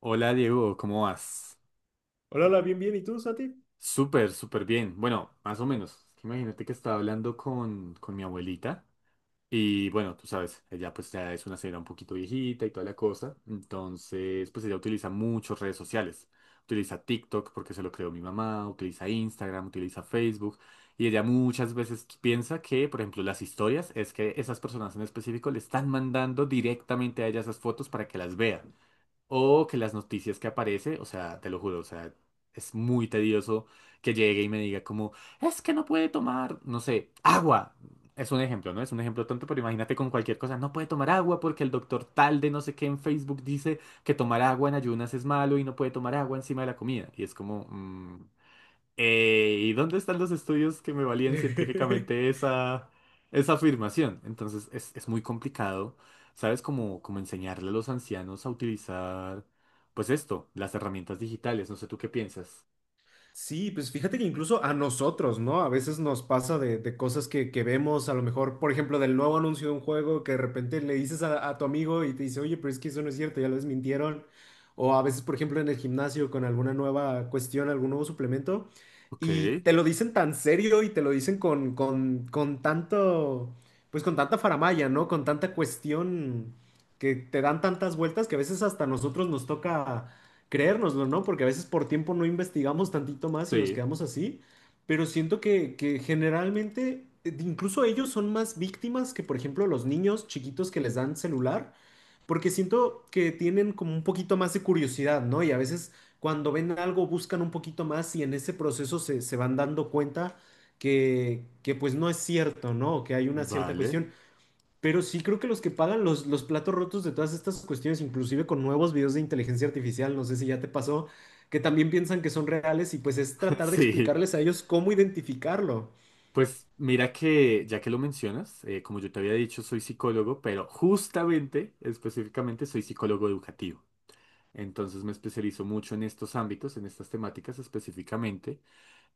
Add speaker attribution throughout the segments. Speaker 1: Hola Diego, ¿cómo vas?
Speaker 2: Hola, hola, bien, bien. ¿Y tú, Santi?
Speaker 1: Súper, súper bien. Bueno, más o menos. Imagínate que estaba hablando con mi abuelita y bueno, tú sabes, ella pues ya es una señora un poquito viejita y toda la cosa. Entonces, pues ella utiliza muchas redes sociales. Utiliza TikTok porque se lo creó mi mamá, utiliza Instagram, utiliza Facebook y ella muchas veces piensa que, por ejemplo, las historias es que esas personas en específico le están mandando directamente a ella esas fotos para que las vea. O que las noticias que aparece, o sea, te lo juro, o sea, es muy tedioso que llegue y me diga como, es que no puede tomar, no sé, agua. Es un ejemplo, ¿no? Es un ejemplo tonto, pero imagínate con cualquier cosa, no puede tomar agua porque el doctor tal de no sé qué en Facebook dice que tomar agua en ayunas es malo y no puede tomar agua encima de la comida. Y es como, ¿y dónde están los estudios que me valían científicamente esa, esa afirmación? Entonces es muy complicado, ¿sabes? Como, como enseñarle a los ancianos a utilizar, pues esto, las herramientas digitales. No sé tú qué piensas.
Speaker 2: Sí, pues fíjate que incluso a nosotros, ¿no? A veces nos pasa de, cosas que vemos, a lo mejor, por ejemplo, del nuevo anuncio de un juego que de repente le dices a tu amigo y te dice, oye, pero es que eso no es cierto, ya lo desmintieron. O a veces, por ejemplo, en el gimnasio con alguna nueva cuestión, algún nuevo suplemento,
Speaker 1: Ok,
Speaker 2: y te lo dicen tan serio y te lo dicen con tanto, pues con tanta faramalla, ¿no? Con tanta cuestión que te dan tantas vueltas que a veces hasta a nosotros nos toca creérnoslo, ¿no? Porque a veces por tiempo no investigamos tantito más y nos
Speaker 1: sí,
Speaker 2: quedamos así, pero siento que generalmente incluso ellos son más víctimas que, por ejemplo, los niños chiquitos que les dan celular, porque siento que tienen como un poquito más de curiosidad, ¿no? Y a veces cuando ven algo buscan un poquito más y en ese proceso se van dando cuenta que pues no es cierto, ¿no? Que hay una cierta
Speaker 1: vale.
Speaker 2: cuestión. Pero sí creo que los que pagan los platos rotos de todas estas cuestiones, inclusive con nuevos videos de inteligencia artificial, no sé si ya te pasó, que también piensan que son reales y pues es tratar de
Speaker 1: Sí.
Speaker 2: explicarles a ellos cómo identificarlo.
Speaker 1: Pues mira que, ya que lo mencionas, como yo te había dicho, soy psicólogo, pero justamente, específicamente, soy psicólogo educativo. Entonces me especializo mucho en estos ámbitos, en estas temáticas específicamente.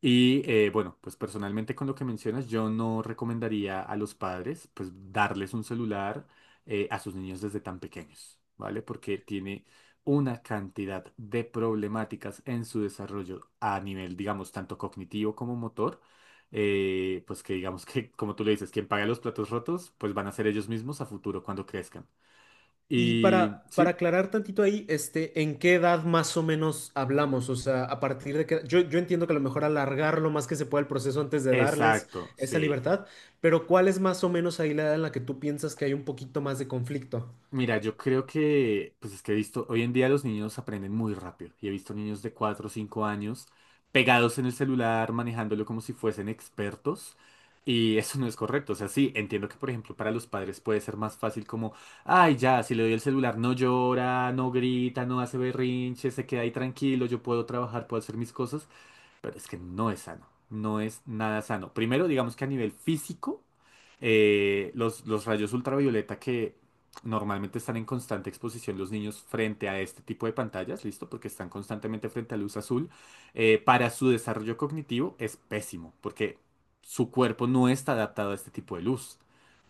Speaker 1: Y bueno, pues personalmente con lo que mencionas, yo no recomendaría a los padres pues darles un celular a sus niños desde tan pequeños, ¿vale? Porque tiene una cantidad de problemáticas en su desarrollo a nivel, digamos, tanto cognitivo como motor, pues que digamos que, como tú le dices, quien paga los platos rotos, pues van a ser ellos mismos a futuro cuando crezcan.
Speaker 2: Y
Speaker 1: Y
Speaker 2: para
Speaker 1: sí,
Speaker 2: aclarar tantito ahí, ¿en qué edad más o menos hablamos? O sea, a partir de qué. Yo entiendo que a lo mejor alargar lo más que se pueda el proceso antes de darles
Speaker 1: exacto,
Speaker 2: esa
Speaker 1: sí.
Speaker 2: libertad, pero ¿cuál es más o menos ahí la edad en la que tú piensas que hay un poquito más de conflicto?
Speaker 1: Mira, yo creo que, pues es que he visto, hoy en día los niños aprenden muy rápido y he visto niños de 4 o 5 años pegados en el celular, manejándolo como si fuesen expertos y eso no es correcto. O sea, sí, entiendo que, por ejemplo, para los padres puede ser más fácil como, ay, ya, si le doy el celular no llora, no grita, no hace berrinche, se queda ahí tranquilo, yo puedo trabajar, puedo hacer mis cosas, pero es que no es sano, no es nada sano. Primero, digamos que a nivel físico, los rayos ultravioleta que normalmente están en constante exposición los niños frente a este tipo de pantallas, ¿listo? Porque están constantemente frente a luz azul, para su desarrollo cognitivo es pésimo, porque su cuerpo no está adaptado a este tipo de luz.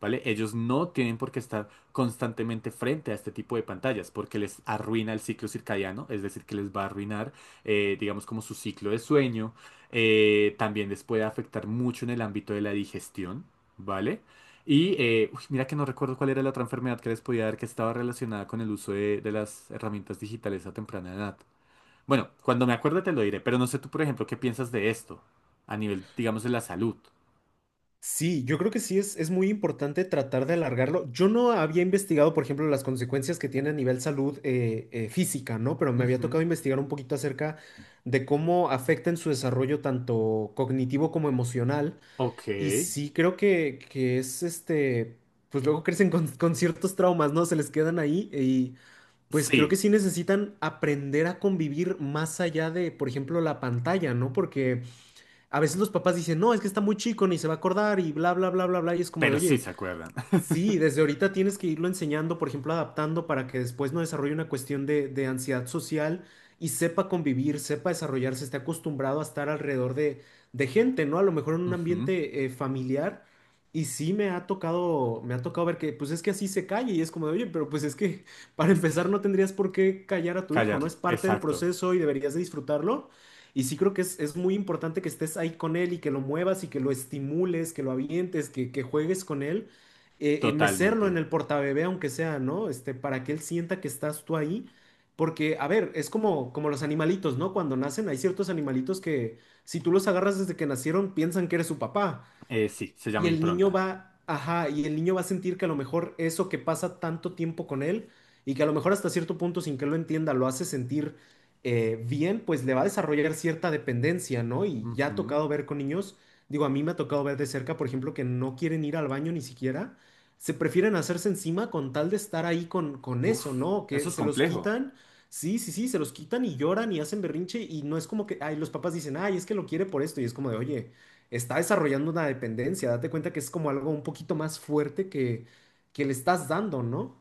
Speaker 1: ¿Vale? Ellos no tienen por qué estar constantemente frente a este tipo de pantallas porque les arruina el ciclo circadiano, es decir, que les va a arruinar digamos como su ciclo de sueño. También les puede afectar mucho en el ámbito de la digestión, ¿vale? Y uy, mira que no recuerdo cuál era la otra enfermedad que les podía dar que estaba relacionada con el uso de las herramientas digitales a temprana edad. Bueno, cuando me acuerde te lo diré, pero no sé tú, por ejemplo, qué piensas de esto a nivel, digamos, de la salud.
Speaker 2: Sí, yo creo que sí es muy importante tratar de alargarlo. Yo no había investigado, por ejemplo, las consecuencias que tiene a nivel salud física, ¿no? Pero me había tocado
Speaker 1: Ujú,
Speaker 2: investigar un poquito acerca de cómo afecta en su desarrollo tanto cognitivo como emocional.
Speaker 1: ok.
Speaker 2: Y sí creo que es pues luego crecen con, ciertos traumas, ¿no? Se les quedan ahí y pues creo que
Speaker 1: Sí,
Speaker 2: sí necesitan aprender a convivir más allá de, por ejemplo, la pantalla, ¿no? Porque a veces los papás dicen, no, es que está muy chico, ni se va a acordar y bla, bla, bla, bla, bla. Y es como de,
Speaker 1: pero sí
Speaker 2: oye,
Speaker 1: se acuerdan.
Speaker 2: sí, desde ahorita tienes que irlo enseñando, por ejemplo, adaptando para que después no desarrolle una cuestión de, ansiedad social y sepa convivir, sepa desarrollarse, esté acostumbrado a estar alrededor de gente, ¿no? A lo mejor en un
Speaker 1: Ujú,
Speaker 2: ambiente familiar. Y sí me ha tocado ver que, pues es que así se calla y es como de, oye, pero pues es que para
Speaker 1: es que
Speaker 2: empezar no tendrías por qué callar a tu hijo, ¿no?
Speaker 1: callarlo.
Speaker 2: Es parte del
Speaker 1: Exacto.
Speaker 2: proceso y deberías de disfrutarlo. Y sí creo que es muy importante que estés ahí con él y que lo muevas y que lo estimules, que lo avientes, que juegues con él mecerlo en
Speaker 1: Totalmente.
Speaker 2: el portabebé, aunque sea, ¿no? Para que él sienta que estás tú ahí. Porque, a ver, es como, como los animalitos, ¿no? Cuando nacen, hay ciertos animalitos que si tú los agarras desde que nacieron, piensan que eres su papá.
Speaker 1: Sí, se
Speaker 2: Y
Speaker 1: llama
Speaker 2: el niño
Speaker 1: impronta.
Speaker 2: va, ajá, y el niño va a sentir que a lo mejor eso que pasa tanto tiempo con él y que a lo mejor hasta cierto punto sin que lo entienda lo hace sentir bien, pues le va a desarrollar cierta dependencia, ¿no? Y ya ha
Speaker 1: Ujú.
Speaker 2: tocado ver con niños, digo, a mí me ha tocado ver de cerca, por ejemplo, que no quieren ir al baño ni siquiera, se prefieren hacerse encima con tal de estar ahí con eso,
Speaker 1: Uf,
Speaker 2: ¿no?
Speaker 1: eso
Speaker 2: Que
Speaker 1: es
Speaker 2: se los
Speaker 1: complejo.
Speaker 2: quitan. Sí, sí, sí, se los quitan y lloran y hacen berrinche y no es como que, ay, los papás dicen, ay, es que lo quiere por esto y es como de, oye, está desarrollando una dependencia. Date cuenta que es como algo un poquito más fuerte que le estás dando, ¿no?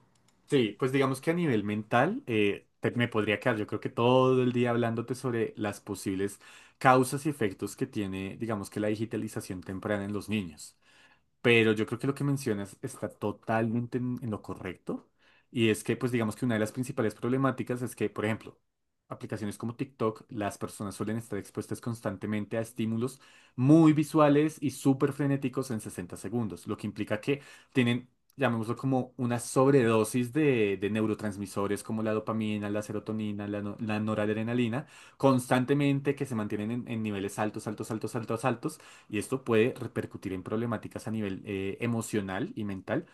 Speaker 1: Sí, pues digamos que a nivel mental me podría quedar yo creo que todo el día hablándote sobre las posibles causas y efectos que tiene, digamos que la digitalización temprana en los niños. Pero yo creo que lo que mencionas está totalmente en lo correcto. Y es que, pues digamos que una de las principales problemáticas es que, por ejemplo, aplicaciones como TikTok, las personas suelen estar expuestas constantemente a estímulos muy visuales y súper frenéticos en 60 segundos, lo que implica que tienen, llamémoslo como una sobredosis de neurotransmisores como la dopamina, la serotonina, la, no- la noradrenalina, constantemente que se mantienen en niveles altos, altos, altos, altos, altos. Y esto puede repercutir en problemáticas a nivel emocional y mental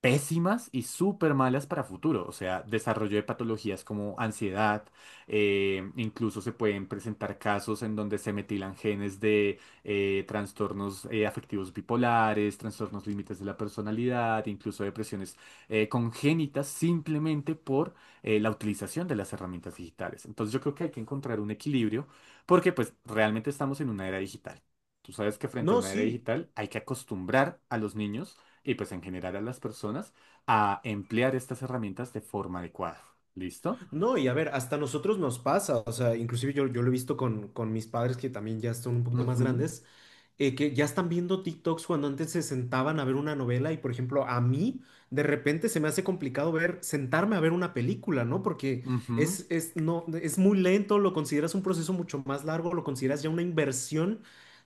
Speaker 1: pésimas y súper malas para futuro. O sea, desarrollo de patologías como ansiedad, incluso se pueden presentar casos en donde se metilan genes de trastornos afectivos bipolares, trastornos límites de la personalidad, incluso depresiones congénitas simplemente por la utilización de las herramientas digitales. Entonces yo creo que hay que encontrar un equilibrio porque pues realmente estamos en una era digital. Tú sabes que frente a
Speaker 2: No,
Speaker 1: una era
Speaker 2: sí.
Speaker 1: digital hay que acostumbrar a los niños y pues en general a las personas a emplear estas herramientas de forma adecuada. ¿Listo?
Speaker 2: No, y a ver, hasta nosotros nos pasa, o sea, inclusive yo lo he visto con mis padres que también ya son un poquito más
Speaker 1: Ujú,
Speaker 2: grandes, que ya están viendo TikToks cuando antes se sentaban a ver una novela y, por ejemplo, a mí de repente se me hace complicado sentarme a ver una película, ¿no? Porque
Speaker 1: ujú.
Speaker 2: es, no, es muy lento, lo consideras un proceso mucho más largo, lo consideras ya una inversión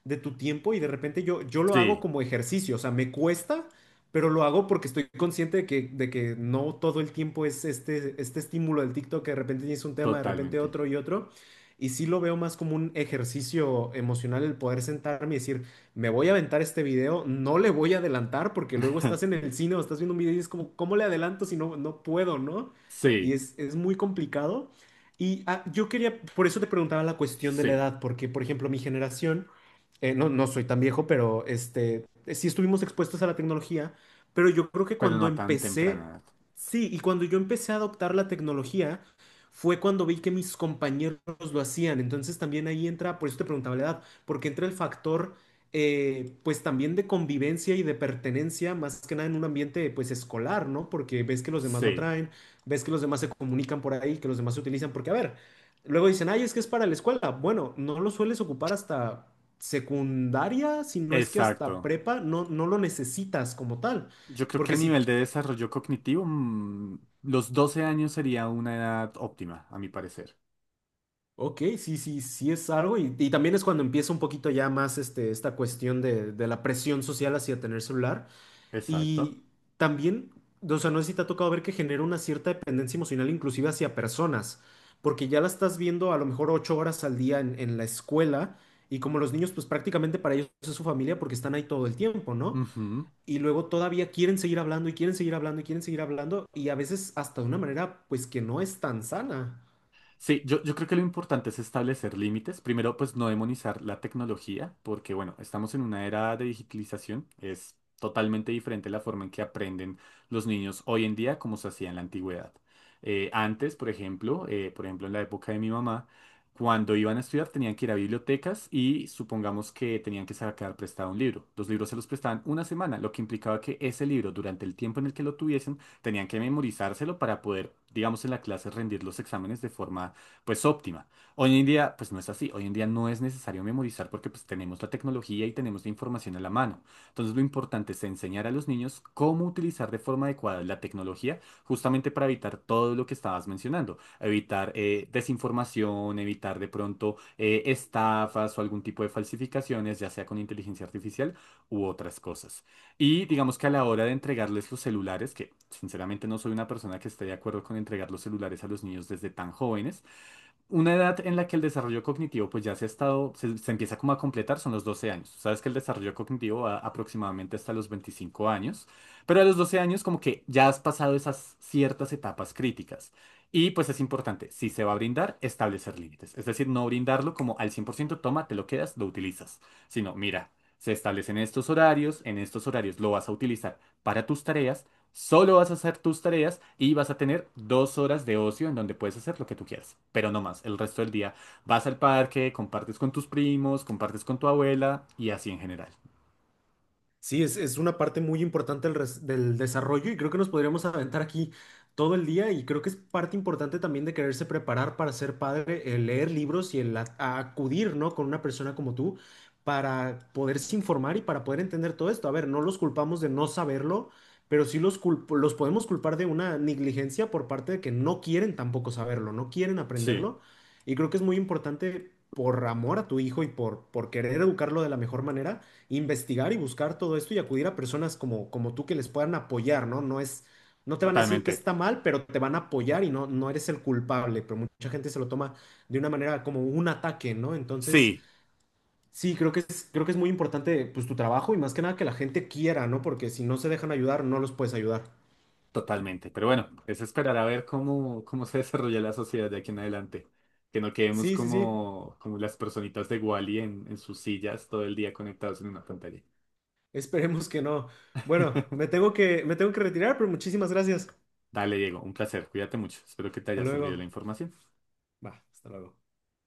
Speaker 2: de tu tiempo y de repente yo lo hago
Speaker 1: Sí,
Speaker 2: como ejercicio, o sea, me cuesta pero lo hago porque estoy consciente de que no todo el tiempo es este estímulo del TikTok, que de repente tienes un tema, de repente
Speaker 1: totalmente.
Speaker 2: otro y otro. Y sí lo veo más como un ejercicio emocional el poder sentarme y decir, me voy a aventar este video, no le voy a adelantar porque luego estás en el cine o estás viendo un video y es como, ¿cómo le adelanto si no, no puedo, no? Y
Speaker 1: Sí,
Speaker 2: es muy complicado. Y ah, yo quería, por eso te preguntaba la cuestión de la
Speaker 1: sí,
Speaker 2: edad, porque por ejemplo mi generación, no, no soy tan viejo, pero sí estuvimos expuestos a la tecnología pero yo creo que
Speaker 1: pero no
Speaker 2: cuando
Speaker 1: a tan temprana
Speaker 2: empecé,
Speaker 1: edad.
Speaker 2: sí, y cuando yo empecé a adoptar la tecnología, fue cuando vi que mis compañeros lo hacían. Entonces también ahí entra, por eso te preguntaba la edad, porque entra el factor, pues también de convivencia y de pertenencia, más que nada en un ambiente, pues escolar, ¿no? Porque ves que los demás lo
Speaker 1: Sí,
Speaker 2: traen, ves que los demás se comunican por ahí, que los demás se utilizan, porque a ver, luego dicen, ay, es que es para la escuela. Bueno, no lo sueles ocupar hasta secundaria, si no es que hasta
Speaker 1: exacto.
Speaker 2: prepa, no, no lo necesitas como tal.
Speaker 1: Yo creo que a
Speaker 2: Porque sí,
Speaker 1: nivel de desarrollo cognitivo, mm, los 12 años sería una edad óptima, a mi parecer.
Speaker 2: ok, sí, sí, sí es algo y también es cuando empieza un poquito ya más este, esta cuestión de, la presión social hacia tener celular
Speaker 1: Exacto.
Speaker 2: y también, o sea, no sé si te ha tocado ver que genera una cierta dependencia emocional inclusive hacia personas, porque ya la estás viendo a lo mejor 8 horas al día en la escuela y como los niños pues prácticamente para ellos es su familia porque están ahí todo el tiempo, ¿no?
Speaker 1: Ujú.
Speaker 2: Y luego todavía quieren seguir hablando y quieren seguir hablando y quieren seguir hablando y a veces hasta de una manera pues que no es tan sana.
Speaker 1: Sí, yo creo que lo importante es establecer límites. Primero, pues no demonizar la tecnología, porque bueno, estamos en una era de digitalización. Es totalmente diferente la forma en que aprenden los niños hoy en día como se hacía en la antigüedad. Antes, por ejemplo, en la época de mi mamá, cuando iban a estudiar tenían que ir a bibliotecas y supongamos que tenían que sacar prestado un libro. Los libros se los prestaban una semana, lo que implicaba que ese libro, durante el tiempo en el que lo tuviesen, tenían que memorizárselo para poder, digamos, en la clase rendir los exámenes de forma, pues, óptima. Hoy en día, pues, no es así. Hoy en día no es necesario memorizar porque, pues, tenemos la tecnología y tenemos la información a la mano. Entonces, lo importante es enseñar a los niños cómo utilizar de forma adecuada la tecnología justamente para evitar todo lo que estabas mencionando. Evitar desinformación, evitar de pronto estafas o algún tipo de falsificaciones, ya sea con inteligencia artificial u otras cosas. Y digamos que a la hora de entregarles los celulares, que sinceramente no soy una persona que esté de acuerdo con entregar los celulares a los niños desde tan jóvenes, una edad en la que el desarrollo cognitivo pues ya se ha estado, se empieza como a completar, son los 12 años. Sabes que el desarrollo cognitivo va aproximadamente hasta los 25 años, pero a los 12 años como que ya has pasado esas ciertas etapas críticas. Y pues es importante, si se va a brindar, establecer límites. Es decir, no brindarlo como al 100%, toma, te lo quedas, lo utilizas, sino mira. Se establecen estos horarios, en estos horarios lo vas a utilizar para tus tareas. Solo vas a hacer tus tareas y vas a tener 2 horas de ocio en donde puedes hacer lo que tú quieras, pero no más. El resto del día vas al parque, compartes con tus primos, compartes con tu abuela y así en general.
Speaker 2: Sí, es una parte muy importante del desarrollo y creo que nos podríamos aventar aquí todo el día y creo que es parte importante también de quererse preparar para ser padre, el leer libros y el a acudir, ¿no? con una persona como tú para poderse informar y para poder entender todo esto. A ver, no los culpamos de no saberlo, pero sí los podemos culpar de una negligencia por parte de que no quieren tampoco saberlo, no quieren
Speaker 1: Sí,
Speaker 2: aprenderlo y creo que es muy importante por amor a tu hijo y por querer educarlo de la mejor manera investigar y buscar todo esto y acudir a personas como, como tú que les puedan apoyar, ¿no? No te van a decir que
Speaker 1: totalmente.
Speaker 2: está mal, pero te van a apoyar y no, no eres el culpable, pero mucha gente se lo toma de una manera como un ataque, ¿no? Entonces,
Speaker 1: Sí,
Speaker 2: sí, creo que es muy importante pues tu trabajo y más que nada que la gente quiera, ¿no? Porque si no se dejan ayudar, no los puedes ayudar.
Speaker 1: totalmente. Pero bueno, es esperar a ver cómo, cómo se desarrolla la sociedad de aquí en adelante. Que no quedemos
Speaker 2: Sí, sí, sí,
Speaker 1: como, como las personitas de Wally en sus sillas todo el día conectados en una pantalla.
Speaker 2: esperemos que no. Bueno, me tengo que retirar, pero muchísimas gracias.
Speaker 1: Dale, Diego, un placer. Cuídate mucho. Espero que te
Speaker 2: Hasta
Speaker 1: haya servido la
Speaker 2: luego.
Speaker 1: información.
Speaker 2: Va, hasta luego.